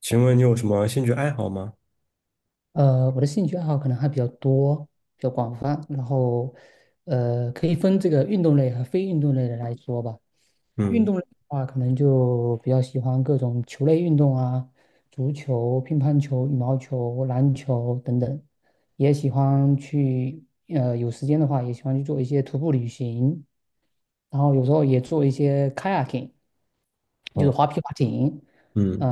请问你有什么兴趣爱好吗？我的兴趣爱好可能还比较多，比较广泛，然后可以分这个运动类和非运动类的来说吧。运嗯，动类的话，可能就比较喜欢各种球类运动啊，足球、乒乓球、羽毛球、篮球等等，也喜欢去呃，有时间的话也喜欢去做一些徒步旅行，然后有时候也做一些 kayaking，就是好，划皮划艇。嗯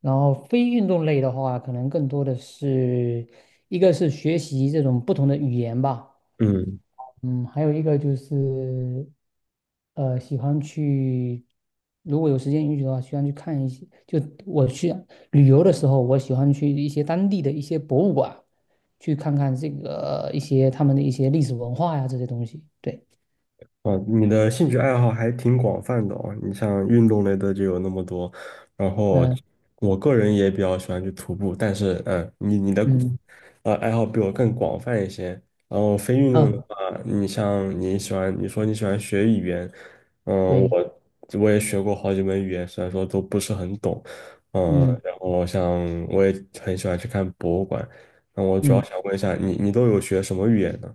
然后非运动类的话，可能更多的是一个是学习这种不同的语言吧，嗯，嗯，还有一个就是喜欢去，如果有时间允许的话，喜欢去看一些，就我去旅游的时候，我喜欢去一些当地的一些博物馆，去看看这个一些他们的一些历史文化呀这些东西。对，哦，你的兴趣爱好还挺广泛的哦。你像运动类的就有那么多，然后嗯我个人也比较喜欢去徒步，但是你的嗯爱好比我更广泛一些。然后非运动的啊，话，你像你喜欢，你说你喜欢学语言，嗯，对，我我也学过好几门语言，虽然说都不是很懂，嗯然后像我也很喜欢去看博物馆。那我主要嗯。想问一下，你都有学什么语言呢？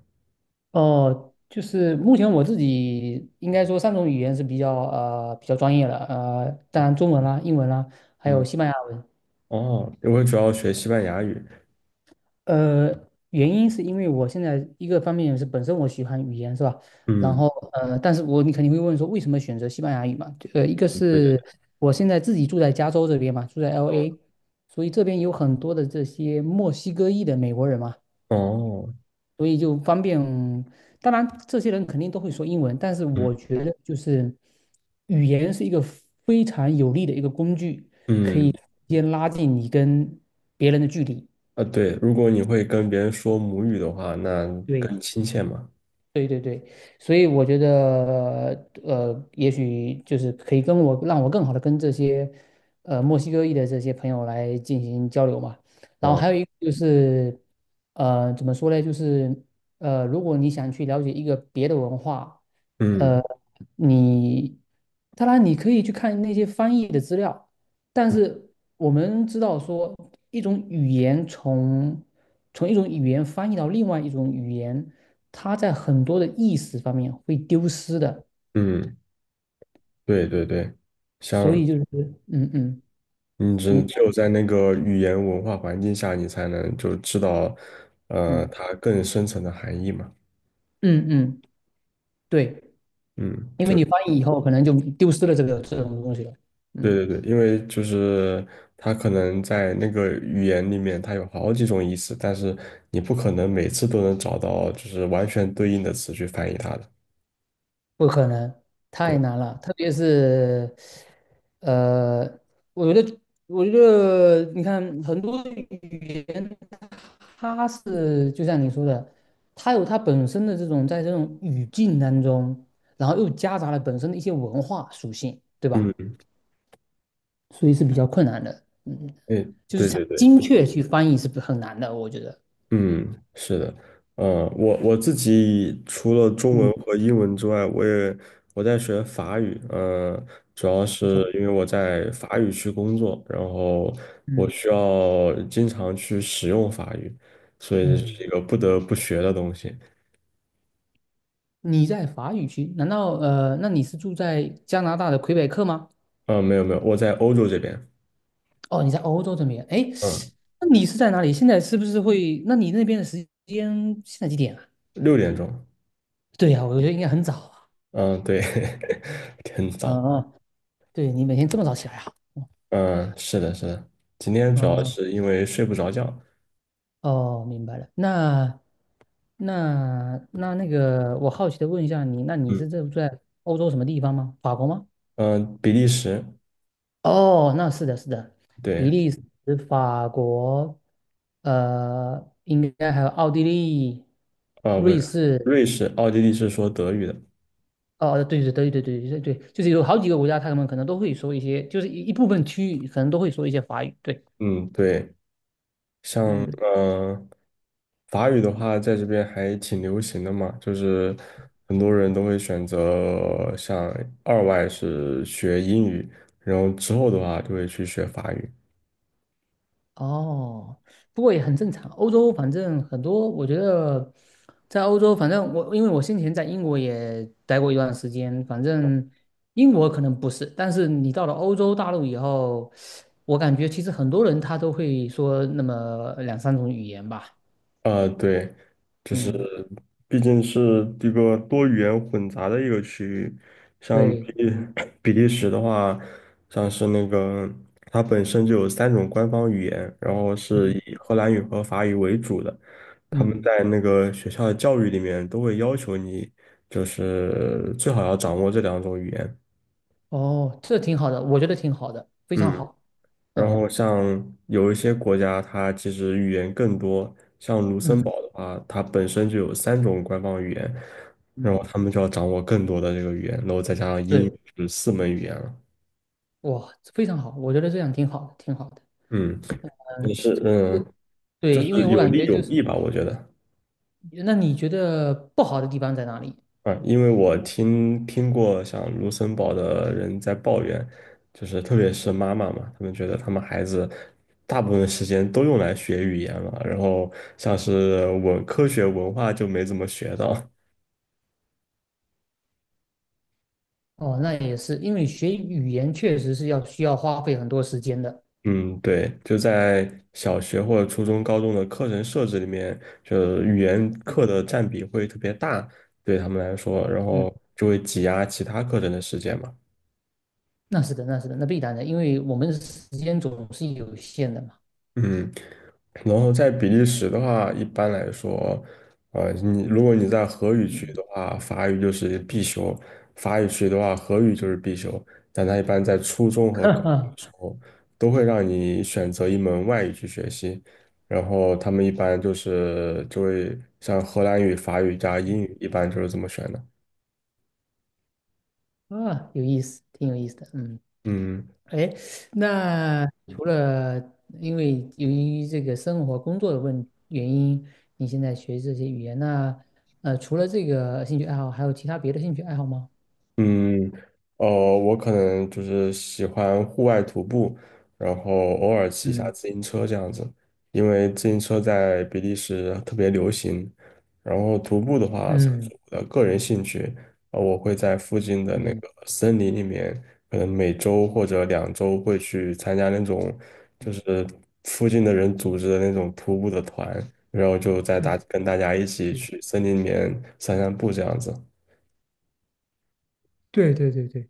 哦，就是目前我自己应该说三种语言是比较专业的，当然中文啦、英文啦，还有嗯，西班牙文。哦，我主要学西班牙语。呃，原因是因为我现在一个方面是本身我喜欢语言是吧？然嗯，后但是你肯定会问说为什么选择西班牙语嘛？一个对对是对，我现在自己住在加州这边嘛，住在 嗯 LA，所以这边有很多的这些墨西哥裔的美国人嘛。哦，所以就方便。当然，这些人肯定都会说英文，但是嗯我觉得就是语言是一个非常有利的一个工具，嗯先拉近你跟别人的距离。啊，对，如果你会跟别人说母语的话，那对，更亲切嘛。对对对，所以我觉得，也许就是可以让我更好的跟这些，墨西哥裔的这些朋友来进行交流嘛。然后哦，还有一个就是，怎么说呢？就是，如果你想去了解一个别的文化，嗯呃，你当然你可以去看那些翻译的资料，但是我们知道说一种语言从一种语言翻译到另外一种语言，它在很多的意思方面会丢失的，嗯，对对对，所像以就是嗯嗯，你你只只有在那个语言文化环境下，你才能就知道，嗯它更深层的含义嘛。嗯嗯，对，嗯，因为就你翻译以后可能就丢失了这个这种东西了，嗯。对对对，因为就是它可能在那个语言里面，它有好几种意思，但是你不可能每次都能找到就是完全对应的词去翻译它的。不可能，太对，难了。特别是，呃，我觉得，我觉得，你看很多语言，它是就像你说的，它有它本身的这种在这种语境当中，然后又夹杂了本身的一些文化属性，对吧？嗯，所以是比较困难的。嗯，哎，就是对想对对，精确去翻译是不很难的，我觉得。嗯，是的，嗯，我自己除了中文嗯，和英文之外，我在学法语，嗯，主要不是错。因为我在法语区工作，然后我嗯需要经常去使用法语，所以这嗯，是一个不得不学的东西。你在法语区？难道那你是住在加拿大的魁北克吗？嗯、没有没有，我在欧洲这边，哦，你在欧洲这边，哎，嗯，那你是在哪里？现在是不是会？那你那边的时间现在几点啊？6点钟，对呀，我觉得应该很早啊。嗯，对，很嗯早，嗯，对你每天这么早起来啊？嗯，是的，是的，今天主要嗯，是因为睡不着觉。哦，明白了。那个，我好奇的问一下你，那你嗯。是住在欧洲什么地方吗？法国吗？嗯、比利时，哦，那是的，是的，比对，利时、法国，应该还有奥地利、啊、不瑞是，士，瑞士、奥地利是说德语的，哦，对对对对对对对，就是有好几个国家，他们可能都会说一些，就是一部分区域可能都会说一些法语。对，嗯，对，像嗯，呃，法语的话，在这边还挺流行的嘛，就是很多人都会选择像二外是学英语，然后之后的话就会去学法语。哦，不过也很正常。欧洲反正很多，我觉得在欧洲，反正我因为我先前在英国也待过一段时间，反正英国可能不是，但是你到了欧洲大陆以后，我感觉其实很多人他都会说那么两三种语言吧。对，就是嗯，毕竟是一个多语言混杂的一个区域，像对，比利时的话，像是那个它本身就有三种官方语言，然后是嗯以荷兰语和法语为主的，他们嗯，在那个学校的教育里面都会要求你，就是最好要掌握这两种语言。哦，这挺好的，我觉得挺好的，非常嗯，好。然嗯后像有一些国家，它其实语言更多，嗯啊，它本身就有三种官方语言，然后嗯，他们就要掌握更多的这个语言，然后再加上英语对，是四门语言了。哇，非常好，我觉得这样挺好的，挺好的。嗯，也嗯，是，嗯，就对，因为是我有感利觉有就是，弊吧，我觉得那你觉得不好的地方在哪里？啊，因为我听过像卢森堡的人在抱怨，就是特别是妈妈嘛，他们觉得他们孩子大部分时间都用来学语言了，然后像是文科学文化就没怎么学到。哦，那也是，因为学语言确实是需要花费很多时间的。嗯，对，就在小学或者初中、高中的课程设置里面，就语言课的占比会特别大，对他们来说，然嗯，后就会挤压其他课程的时间嘛。那是的，那是的，那必然的，因为我们时间总是有限的嘛。嗯。然后在比利时的话，一般来说，你如果你在荷语区的话，法语就是必修；法语区的话，荷语就是必修。但它一般在初中 和哈高中的哈，时候，都会让你选择一门外语去学习。然后他们一般就是就会像荷兰语、法语加英语，一般就是这么选的。啊，有意思，挺有意思的。嗯。嗯。哎，那除了由于这个生活工作的原因，你现在学这些语言，那除了这个兴趣爱好，还有其他别的兴趣爱好吗？嗯，哦，我可能就是喜欢户外徒步，然后偶尔骑一下自嗯行车这样子，因为自行车在比利时特别流行。然后徒步的话，这嗯是我的个人兴趣，我会在附近的那嗯个森林里面，可能每周或者2周会去参加那种就是附近的人组织的那种徒步的团，然后就嗯跟大家一起嗯，去森林里面散散步这样子。对对对对，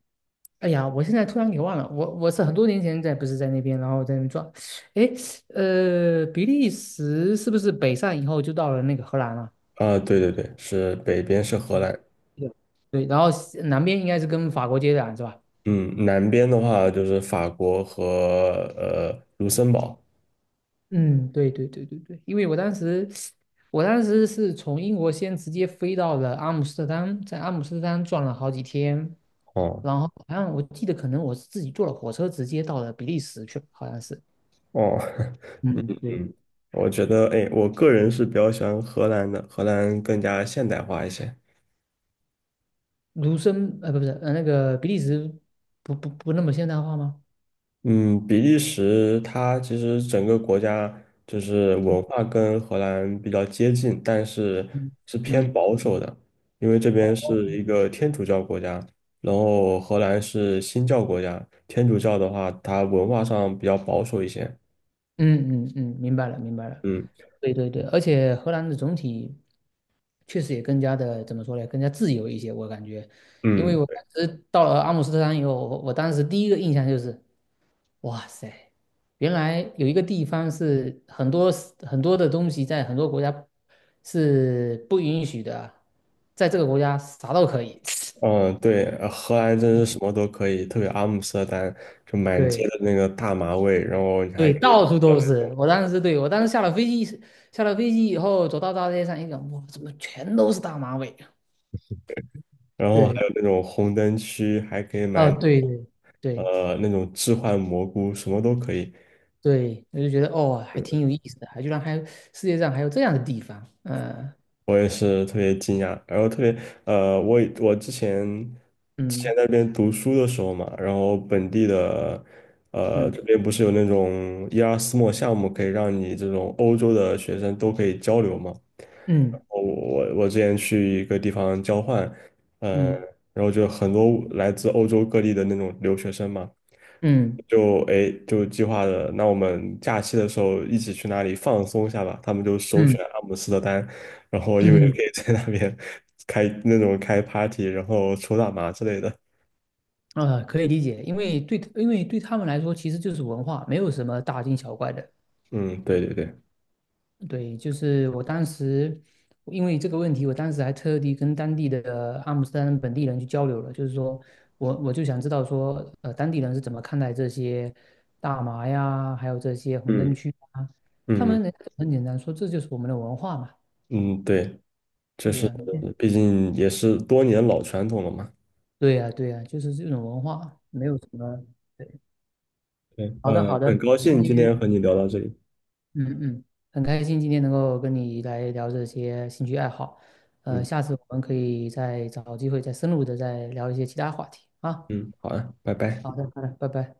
哎呀，我现在突然给忘了，我是很多年前不是在那边，然后在那边转，哎，比利时是不是北上以后就到了那个荷兰了？啊，对对对，是北边是荷嗯，兰，对，对，然后西南边应该是跟法国接壤是吧？嗯，南边的话就是法国和卢森堡。嗯，对对对对对，因为我当时是从英国先直接飞到了阿姆斯特丹，在阿姆斯特丹转了好几天，哦然后好像我记得可能我是自己坐了火车直接到了比利时去了好像是。哦，嗯，对，嗯，我觉得，哎，我个人是比较喜欢荷兰的，荷兰更加现代化一些。卢森，呃，不是，呃，那个比利时不那么现代化吗？嗯，比利时它其实整个国家就是文化跟荷兰比较接近，但是嗯是偏嗯保守的，因为这边是一个天主教国家，然后荷兰是新教国家，天主教的话，它文化上比较保守一些。嗯嗯嗯，明白了明白了。嗯对对对，而且荷兰的总体。确实也更加的怎么说呢，更加自由一些。我感觉，因为嗯我当时到了阿姆斯特丹以后，我当时第一个印象就是，哇塞，原来有一个地方是很多很多的东西在很多国家是不允许的啊在这个国家啥都可以。嗯，对，荷兰真是什么都可以，特别阿姆斯特丹，就满街对的那个大麻味，然后你还对，可以买到处到都那种。是。我当时下了飞机，下了飞机以后走到大街上一看，哇，怎么全都是大马尾啊然后还对有那种红灯区，还可以买啊，对对对，那种置换蘑菇，什么都可以。对，我就觉得哦，还挺有意思的，还居然还有世界上还有这样的地方，我也是特别惊讶，然后特别我之前之嗯前在那边读书的时候嘛，然后本地的嗯这边不是有那种伊拉斯莫项目，可以让你这种欧洲的学生都可以交流嘛。然嗯后我之前去一个地方交换，嗯、嗯然后就很多来自欧洲各地的那种留学生嘛，嗯哎，就计划的，那我们假期的时候一起去哪里放松一下吧。他们就首嗯选阿姆斯特丹，然后因为可嗯，以在那边开那种开 party，然后抽大麻之类的。可以理解，因为对他们来说，其实就是文化，没有什么大惊小怪的。嗯，对对对，对，就是我当时因为这个问题，我当时还特地跟当地的阿姆斯特丹本地人去交流了，就是说我就想知道说，当地人是怎么看待这些大麻呀，还有这些红灯嗯，区啊？他嗯们人家就很简单说，这就是我们的文化嘛。嗯，对，就对是呀，毕竟也是多年老传统了嘛。对呀，对呀，就是这种文化，没有什么。对，对，好的，嗯，好很的，高今兴今天天和你聊到这里。嗯嗯，很开心今天能够跟你来聊这些兴趣爱好，嗯下次我们可以再找机会再深入的再聊一些其他话题啊。嗯，好啊，拜拜。好的，好的，拜拜。